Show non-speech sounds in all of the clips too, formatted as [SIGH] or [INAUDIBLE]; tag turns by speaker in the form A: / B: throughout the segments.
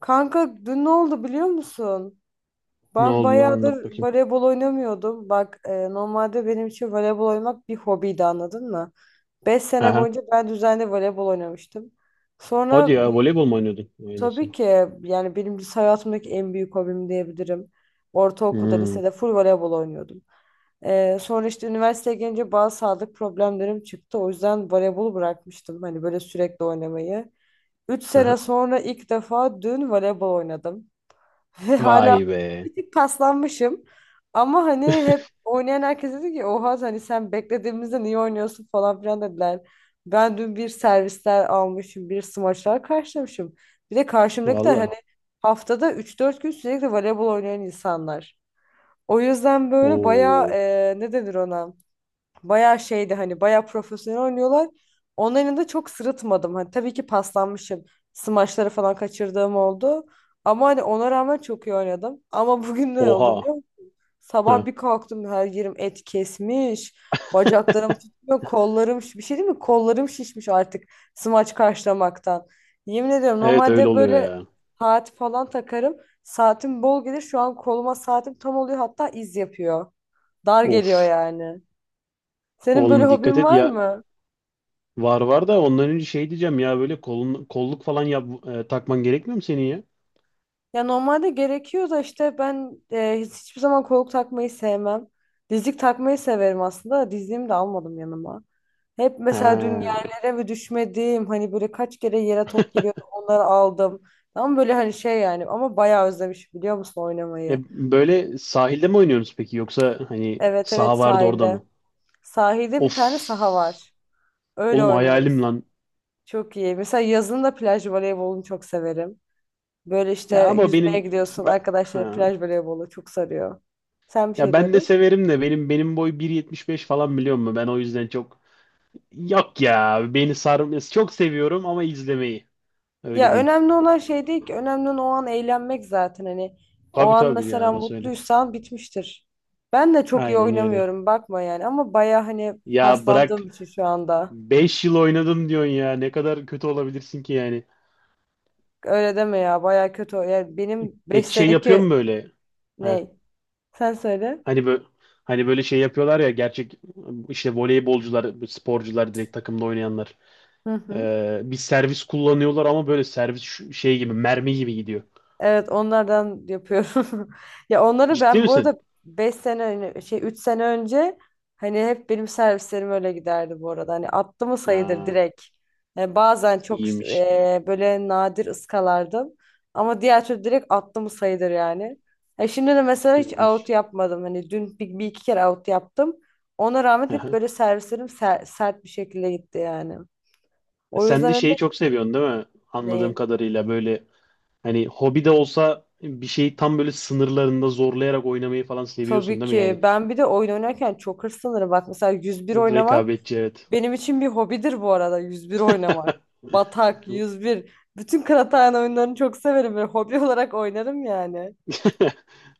A: Kanka dün ne oldu biliyor musun?
B: Ne
A: Ben
B: oldu lan anlat
A: bayağıdır
B: bakayım.
A: voleybol oynamıyordum. Bak normalde benim için voleybol oynamak bir hobiydi anladın mı? 5 sene
B: Aha.
A: boyunca ben düzenli voleybol oynamıştım.
B: Hadi
A: Sonra
B: ya
A: bir,
B: voleybol mu oynuyordun? Vay nasıl?
A: tabii ki yani benim lise hayatımdaki en büyük hobim diyebilirim. Ortaokulda,
B: Hmm.
A: lisede full voleybol oynuyordum. E, sonra işte üniversiteye gelince bazı sağlık problemlerim çıktı. O yüzden voleybolu bırakmıştım. Hani böyle sürekli oynamayı. Üç
B: Aha.
A: sene sonra ilk defa dün voleybol oynadım. Ve hala
B: Vay be.
A: bir tık paslanmışım. Ama hani hep
B: [LAUGHS]
A: oynayan herkes dedi ki oha hani sen beklediğimizde niye oynuyorsun falan filan dediler. Ben dün bir servisler almışım, bir smaçlar karşılamışım. Bir de karşımdakiler hani
B: Valla.
A: haftada üç dört gün sürekli voleybol oynayan insanlar. O yüzden böyle bayağı
B: Oo.
A: ne denir ona? Bayağı şeydi hani bayağı profesyonel oynuyorlar. Onların da çok sırıtmadım. Hani tabii ki paslanmışım. Smaçları falan kaçırdığım oldu. Ama hani ona rağmen çok iyi oynadım. Ama [LAUGHS] bugün ne oldu
B: Oha.
A: biliyor musun? Sabah
B: Ha.
A: bir kalktım her yerim et kesmiş. Bacaklarım
B: [LAUGHS]
A: tutmuyor, kollarım bir şey değil mi? Kollarım şişmiş artık smaç karşılamaktan. Yemin ediyorum
B: Evet öyle
A: normalde
B: oluyor
A: böyle
B: ya.
A: saat falan takarım. Saatim bol gelir. Şu an koluma saatim tam oluyor, hatta iz yapıyor. Dar geliyor
B: Of.
A: yani. Senin böyle
B: Oğlum dikkat
A: hobin
B: et
A: var
B: ya.
A: mı?
B: Var var da ondan önce şey diyeceğim ya böyle kolun, kolluk falan yap, takman gerekmiyor mu senin ya?
A: Ya normalde gerekiyor da işte ben hiçbir zaman koluk takmayı sevmem. Dizlik takmayı severim aslında da dizliğimi de almadım yanıma. Hep mesela dün
B: Ha.
A: yerlere mi düşmediğim hani böyle kaç kere yere top geliyordu onları aldım. Tam böyle hani şey yani ama bayağı özlemiş biliyor musun
B: E,
A: oynamayı?
B: böyle sahilde mi oynuyorsunuz peki yoksa hani
A: Evet evet,
B: saha vardı orada
A: sahilde.
B: mı?
A: Sahilde bir tane
B: Of.
A: saha var. Öyle
B: Oğlum hayalim
A: oynuyoruz.
B: lan.
A: Çok iyi. Mesela yazın da plaj voleybolunu çok severim. Böyle işte
B: Ya ama
A: yüzmeye
B: benim
A: gidiyorsun,
B: ben,
A: arkadaşlar
B: ha.
A: plaj voleybolu çok sarıyor. Sen bir
B: Ya
A: şey
B: ben de
A: diyordun.
B: severim de benim boy 1,75 falan biliyor musun? Ben o yüzden çok yok ya beni sarmıyor. Çok seviyorum ama izlemeyi öyle
A: Ya
B: diyeyim.
A: önemli olan şey değil ki, önemli olan o an eğlenmek zaten hani o
B: Tabii
A: an
B: tabii ya
A: mesela
B: orası öyle.
A: mutluysan bitmiştir. Ben de çok iyi
B: Aynen öyle.
A: oynamıyorum bakma yani, ama baya hani
B: Ya bırak
A: paslandığım için şu anda.
B: 5 yıl oynadım diyorsun ya ne kadar kötü olabilirsin ki yani.
A: Öyle deme ya, baya kötü. Yani benim 5
B: Peki şey yapıyor mu
A: seneki
B: böyle? Ha,
A: ne? Sen söyle.
B: hani böyle hani böyle şey yapıyorlar ya gerçek işte voleybolcular, sporcular direkt takımda oynayanlar.
A: Hı hı.
B: Bir servis kullanıyorlar ama böyle servis şey gibi mermi gibi gidiyor.
A: Evet, onlardan yapıyorum. [LAUGHS] Ya onları
B: Ciddi
A: ben bu
B: misin?
A: arada 5 sene öne- şey 3 sene önce hani hep benim servislerim öyle giderdi bu arada. Hani attı mı sayıdır
B: Ha,
A: direkt. Yani bazen çok
B: iyiymiş.
A: böyle nadir ıskalardım. Ama diğer türlü direkt attı mı sayıdır yani. Ya şimdi de mesela hiç out
B: İyiymiş.
A: yapmadım. Hani dün bir iki kere out yaptım. Ona rağmen hep
B: Aha.
A: böyle servislerim sert bir şekilde gitti yani. O
B: Sen de
A: yüzden
B: şeyi çok seviyorsun değil mi? Anladığım
A: hani.
B: kadarıyla böyle hani hobi de olsa bir şeyi tam böyle sınırlarında zorlayarak oynamayı falan seviyorsun
A: Tabii
B: değil mi?
A: ki.
B: Yani
A: Ben bir de oyun oynarken çok hırslanırım. Bak mesela 101 oynamak
B: rekabetçi evet.
A: benim için bir hobidir, bu arada 101 oynamak. Batak, yüz
B: [LAUGHS]
A: bir. Bütün Kıraathane oyunlarını çok severim ve hobi [LAUGHS] olarak oynarım yani.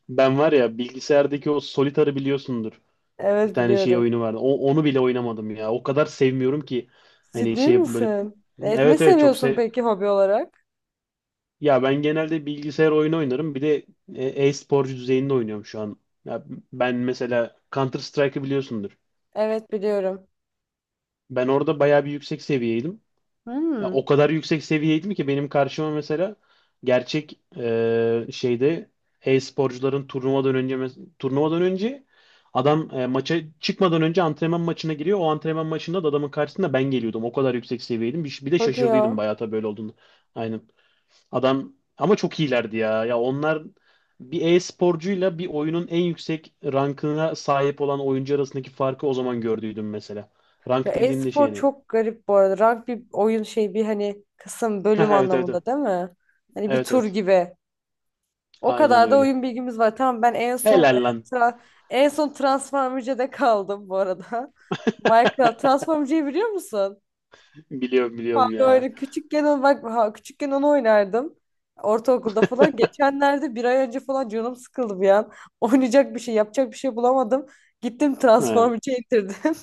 B: Ben var ya bilgisayardaki o Solitar'ı biliyorsundur. Bir
A: Evet
B: tane şey
A: biliyorum.
B: oyunu vardı. Onu bile oynamadım ya. O kadar sevmiyorum ki. Hani
A: Ciddi
B: şey böyle
A: misin? Evet, ne
B: evet evet. çok
A: seviyorsun
B: sev
A: peki hobi olarak?
B: Ya ben genelde bilgisayar oyunu oynarım. Bir de e-sporcu düzeyinde oynuyorum şu an. Ya ben mesela Counter Strike'ı biliyorsundur.
A: Evet biliyorum.
B: Ben orada bayağı bir yüksek seviyeydim. Ya
A: Hmm,
B: o kadar yüksek seviyeydim ki benim karşıma mesela gerçek şeyde e-sporcuların turnuvadan önce turnuvadan önce adam maça çıkmadan önce antrenman maçına giriyor. O antrenman maçında da adamın karşısında ben geliyordum. O kadar yüksek seviyeydim. Bir de
A: hadi
B: şaşırdıydım
A: ya.
B: bayağı tabii böyle olduğunu. Aynen. Adam ama çok iyilerdi ya. Ya onlar bir e-sporcuyla bir oyunun en yüksek rankına sahip olan oyuncu arasındaki farkı o zaman gördüydüm mesela.
A: Ya,
B: Rank dediğimde şey
A: e-spor
B: yani.
A: çok garip bu arada. Rank bir oyun şey, bir hani kısım,
B: Ha,
A: bölüm
B: evet evet. Evet
A: anlamında değil mi? Hani bir
B: evet.
A: tur
B: Evet.
A: gibi. O
B: Aynen
A: kadar da
B: öyle.
A: oyun bilgimiz var. Tamam, ben en son
B: Helal lan.
A: tra- en son Transformer'da kaldım bu arada. [LAUGHS]
B: [LAUGHS]
A: Minecraft Transformer'ı biliyor musun?
B: Biliyorum biliyorum
A: Fare
B: ya.
A: oyunu küçükken onu, bak ha, küçükken onu oynardım. Ortaokulda falan. Geçenlerde bir ay önce falan canım sıkıldı bir an. [LAUGHS] Oynayacak bir şey, yapacak bir şey bulamadım. Gittim
B: He.
A: Transformer'ı indirdim.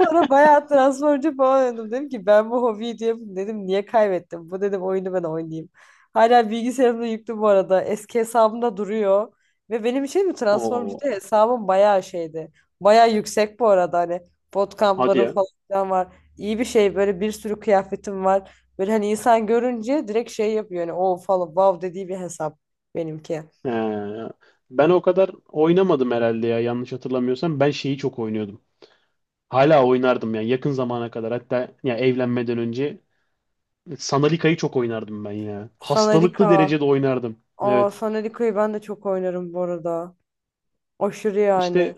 A: Sonra bayağı transferci falan oynadım. Dedim ki ben bu hobiyi diye dedim niye kaybettim? Bu dedim oyunu ben oynayayım. Hala bilgisayarımda yüklü bu arada. Eski hesabımda duruyor. Ve benim için mi Transformcı'da
B: Oo.
A: hesabım bayağı şeydi. Bayağı yüksek bu arada hani
B: Hadi
A: bootcamp'larım
B: ya.
A: falan filan var. İyi bir şey, böyle bir sürü kıyafetim var. Böyle hani insan görünce direkt şey yapıyor hani o falan wow dediği bir hesap benimki.
B: He. Ben o kadar oynamadım herhalde ya yanlış hatırlamıyorsam. Ben şeyi çok oynuyordum. Hala oynardım yani yakın zamana kadar. Hatta ya evlenmeden önce Sanalika'yı çok oynardım ben ya. Hastalıklı
A: Sanadika.
B: derecede oynardım.
A: Aa,
B: Evet.
A: Sanadika'yı ben de çok oynarım bu arada. Aşırı
B: İşte
A: yani.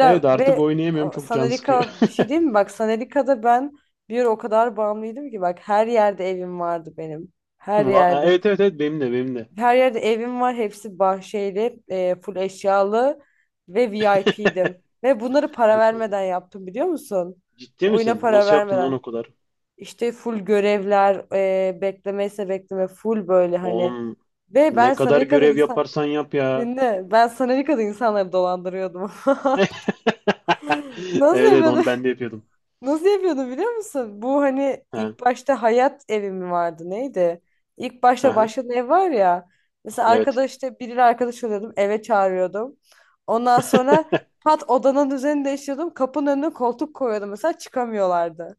B: evet artık
A: ve
B: oynayamıyorum
A: a,
B: çok can sıkıyor.
A: Sanelika bir şey değil mi? Bak Sanelika'da ben bir ara o kadar bağımlıydım ki, bak her yerde evim vardı benim.
B: [LAUGHS]
A: Her yerde.
B: Evet evet evet benim de benim de.
A: Her yerde evim var. Hepsi bahçeli, full eşyalı ve VIP'dim. Ve bunları para vermeden yaptım biliyor musun?
B: Ciddi
A: Oyuna
B: misin?
A: para
B: Nasıl yaptın lan
A: vermeden.
B: o kadar?
A: İşte full görevler, beklemeyse bekleme full böyle hani.
B: Oğlum
A: Ve ben
B: ne kadar
A: Sanelika'da
B: görev
A: insan...
B: yaparsan yap ya.
A: Dinle. Ben Sanelika'da insanları dolandırıyordum.
B: [LAUGHS]
A: [LAUGHS]
B: Evet
A: Nasıl
B: evet onu
A: yapıyordum?
B: ben de yapıyordum.
A: Nasıl yapıyordu biliyor musun? Bu hani
B: Ha,
A: ilk başta hayat evi mi vardı neydi? İlk başta
B: aha,
A: başlayan ev var ya. Mesela
B: evet.
A: arkadaş işte, biriyle arkadaş oluyordum, eve çağırıyordum. Ondan sonra pat odanın düzenini değiştiriyordum. Kapının önüne koltuk koyuyordum mesela, çıkamıyorlardı.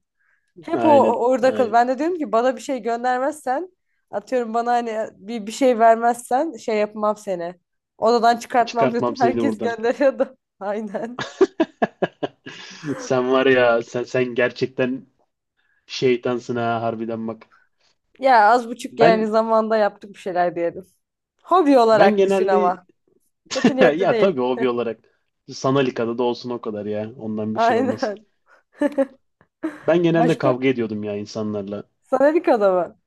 A: Hep
B: Aynen.
A: orada kal.
B: Aynen.
A: Ben de diyorum ki bana bir şey göndermezsen, atıyorum, bana hani bir şey vermezsen şey yapmam seni. Odadan çıkartmam [LAUGHS] diyordum.
B: Çıkartmam seni
A: Herkes
B: buradan.
A: gönderiyordu. [LAUGHS] Aynen.
B: [LAUGHS] Sen var ya sen gerçekten şeytansın ha harbiden bak.
A: Ya az buçuk yani
B: Ben
A: zamanda yaptık bir şeyler diyelim. Hobi
B: ben
A: olarak düşün
B: genelde.
A: ama. Kötü
B: [LAUGHS] Ya
A: niyetli
B: ya tabii
A: değil.
B: hobi olarak. Sanal da olsun o kadar ya.
A: [LAUGHS]
B: Ondan bir şey olmaz.
A: Aynen.
B: Ben genelde
A: Başka?
B: kavga ediyordum ya insanlarla.
A: Sanadika'da mı?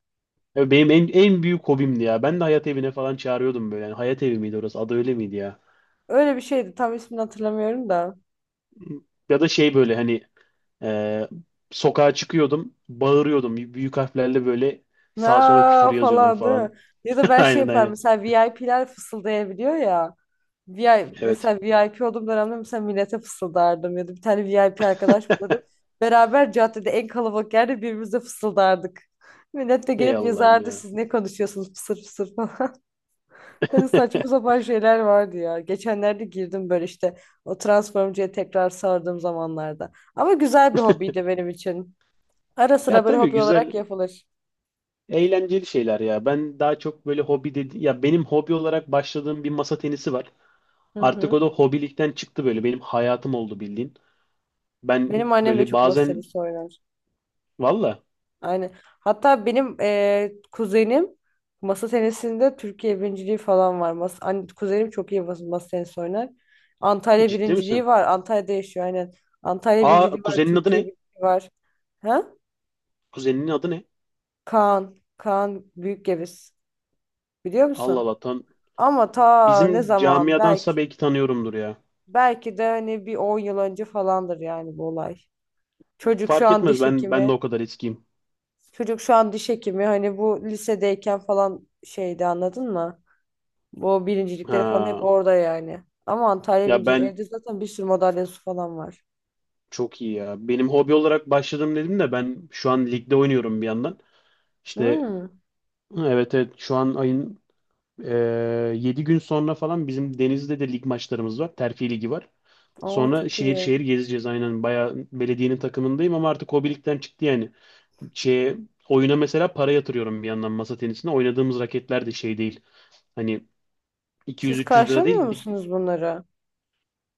B: Ya benim en büyük hobimdi ya. Ben de hayat evine falan çağırıyordum böyle. Yani hayat evi miydi orası? Adı öyle miydi ya?
A: Öyle bir şeydi. Tam ismini hatırlamıyorum da.
B: Ya da şey böyle hani e, sokağa çıkıyordum. Bağırıyordum. Büyük harflerle böyle sağa sola küfür
A: Na
B: yazıyordum
A: falan değil mi?
B: falan.
A: Ya
B: [LAUGHS]
A: da ben şey
B: Aynen
A: yaparım.
B: aynen.
A: Mesela VIP'ler fısıldayabiliyor ya. VI
B: Evet.
A: mesela VIP olduğum dönemde mesela millete fısıldardım. Ya da bir tane VIP arkadaş
B: [LAUGHS]
A: bulurum. Beraber caddede en kalabalık yerde birbirimize fısıldardık. Millet de
B: Ey
A: gelip
B: Allah'ım
A: yazardı
B: ya.
A: siz ne konuşuyorsunuz fısır fısır. Hani saçma
B: [LAUGHS]
A: sapan şeyler vardı ya. Geçenlerde girdim böyle işte o Transformcı'ya tekrar sardığım zamanlarda. Ama güzel bir hobiydi benim için. Ara
B: Ya
A: sıra böyle
B: tabii
A: hobi
B: güzel.
A: olarak yapılır.
B: Eğlenceli şeyler ya. Ben daha çok böyle hobi dedi ya benim hobi olarak başladığım bir masa tenisi var.
A: Hı
B: Artık
A: hı.
B: o da hobilikten çıktı böyle. Benim hayatım oldu bildiğin. Ben
A: Benim annem de
B: böyle
A: çok masa
B: bazen.
A: tenisi oynar.
B: Valla,
A: Aynen. Hatta benim kuzenim masa tenisinde Türkiye birinciliği falan var. Kuzenim çok iyi masa tenisi oynar. Antalya
B: ciddi
A: birinciliği
B: misin?
A: var. Antalya'da yaşıyor aynen. Antalya
B: Aa
A: birinciliği var.
B: kuzenin adı
A: Türkiye
B: ne?
A: birinciliği var. Ha?
B: Kuzeninin adı ne?
A: Kaan. Kaan Büyükgeviz. Biliyor
B: Allah
A: musun?
B: Allah tan
A: Ama ta ne
B: bizim
A: zaman, belki
B: camiadansa belki tanıyorumdur ya.
A: belki de hani bir 10 yıl önce falandır yani bu olay. Çocuk şu
B: Fark
A: an
B: etmez
A: diş
B: ben de
A: hekimi.
B: o kadar eskiyim.
A: Çocuk şu an diş hekimi, hani bu lisedeyken falan şeydi anladın mı? Bu birincilikleri falan hep
B: Ha,
A: orada yani. Ama Antalya
B: ya
A: birinci,
B: ben
A: evde zaten bir sürü madalyası falan var.
B: çok iyi ya. Benim hobi olarak başladım dedim de ben şu an ligde oynuyorum bir yandan. İşte
A: Hmm.
B: evet evet şu an ayın 7 gün sonra falan bizim Denizli'de de lig maçlarımız var. Terfi ligi var.
A: Aa
B: Sonra
A: çok
B: şehir
A: iyi.
B: şehir gezeceğiz aynen. Bayağı belediyenin takımındayım ama artık hobilikten çıktı yani. Şeye, oyuna mesela para yatırıyorum bir yandan masa tenisine. Oynadığımız raketler de şey değil. Hani
A: Siz
B: 200-300 lira
A: karşılamıyor
B: değil.
A: musunuz bunları?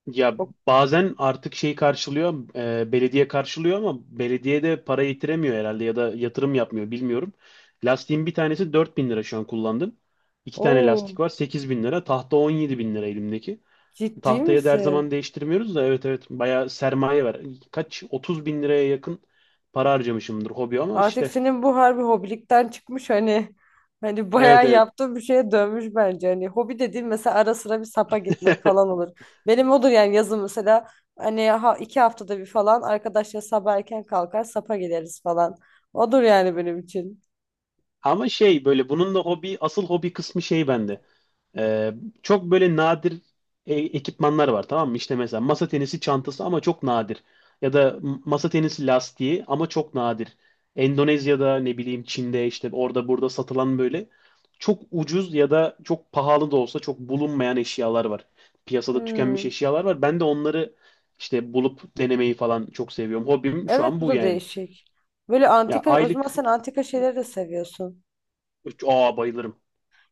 B: Ya
A: O-
B: bazen artık şey karşılıyor, belediye karşılıyor ama belediye de para yitiremiyor herhalde ya da yatırım yapmıyor bilmiyorum. Lastiğin bir tanesi 4 bin lira şu an kullandım. 2 tane
A: Oo,
B: lastik var 8 bin lira. Tahta 17 bin lira elimdeki.
A: ciddi
B: Tahtayı da her
A: misin?
B: zaman değiştirmiyoruz da evet evet bayağı sermaye var. Kaç 30 bin liraya yakın para harcamışımdır hobi ama
A: Artık
B: işte
A: senin bu harbi hobilikten çıkmış hani
B: evet
A: bayağı
B: evet.
A: yaptığın bir şeye dönmüş bence. Hani hobi dediğin mesela ara sıra bir sapa gitmek falan
B: [LAUGHS]
A: olur. Benim odur yani, yazın mesela hani 2 haftada bir falan arkadaşlar sabah erken kalkar sapa gideriz falan. Odur yani benim için.
B: Ama şey böyle bunun da hobi asıl hobi kısmı şey bende. Ee, çok böyle nadir ekipmanlar var tamam mı? İşte mesela masa tenisi çantası ama çok nadir. Ya da masa tenisi lastiği ama çok nadir. Endonezya'da ne bileyim Çin'de işte orada burada satılan böyle çok ucuz ya da çok pahalı da olsa çok bulunmayan eşyalar var. Piyasada tükenmiş
A: Hmm.
B: eşyalar var. Ben de onları işte bulup denemeyi falan çok seviyorum. Hobim şu
A: Evet
B: an
A: bu
B: bu
A: da
B: yani.
A: değişik. Böyle
B: Ya
A: antika, o zaman
B: aylık...
A: sen antika şeyleri de seviyorsun.
B: Aa bayılırım.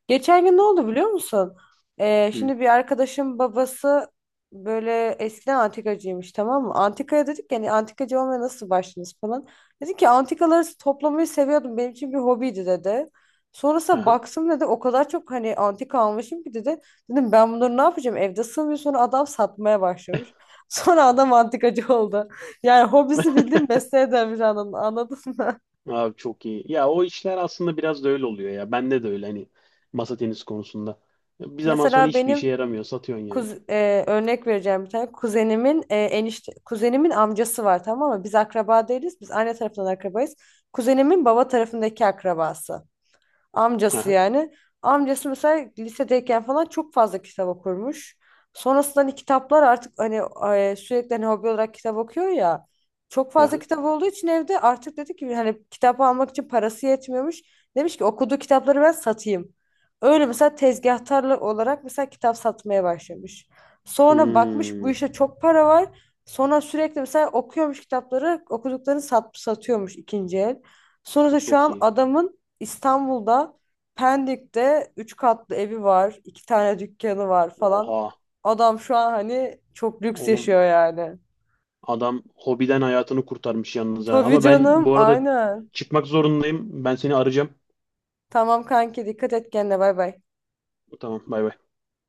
A: Geçen gün ne oldu biliyor musun? Ee,
B: Hı.
A: şimdi bir arkadaşım babası böyle eskiden antikacıymış tamam mı? Antikaya dedik yani antikacı olmaya nasıl başladınız falan. Dedi ki antikaları toplamayı seviyordum, benim için bir hobiydi dedi. Sonrasında
B: Aha.
A: baksın dedi, o kadar çok hani antika almışım ki dedi. Dedim ben bunları ne yapacağım evde sığmıyor, sonra adam satmaya başlamış. [LAUGHS] Sonra adam antikacı oldu. Yani hobisi
B: [LAUGHS]
A: bildiğin mesleğe dönmüş anladın mı?
B: Abi çok iyi. Ya o işler aslında biraz da öyle oluyor ya. Bende de öyle hani masa tenisi konusunda. Bir
A: [LAUGHS]
B: zaman sonra
A: Mesela
B: hiçbir işe
A: benim
B: yaramıyor. Satıyorsun yani.
A: Örnek vereceğim bir tane. Kuzenimin amcası var tamam mı? Biz akraba değiliz. Biz anne tarafından akrabayız. Kuzenimin baba tarafındaki akrabası. Amcası
B: Aha,
A: yani. Amcası mesela lisedeyken falan çok fazla kitap okurmuş. Sonrasında hani kitaplar artık hani sürekli hani hobi olarak kitap okuyor ya. Çok fazla
B: aha.
A: kitap olduğu için evde artık dedi ki hani kitap almak için parası yetmiyormuş. Demiş ki okuduğu kitapları ben satayım. Öyle mesela tezgahtarlı olarak mesela kitap satmaya başlamış. Sonra bakmış bu
B: Hmm,
A: işte çok para var. Sonra sürekli mesela okuyormuş kitapları, okuduklarını satıyormuş ikinci el. Sonra da şu
B: çok
A: an
B: iyi.
A: adamın İstanbul'da Pendik'te 3 katlı evi var, 2 tane dükkanı var falan.
B: Oha.
A: Adam şu an hani çok lüks
B: Oğlum
A: yaşıyor yani.
B: adam hobiden hayatını kurtarmış yalnız ha.
A: Tabii
B: Ama ben
A: canım,
B: bu arada
A: aynen.
B: çıkmak zorundayım. Ben seni arayacağım.
A: Tamam kanki dikkat et kendine, bay bay.
B: Tamam bay bay.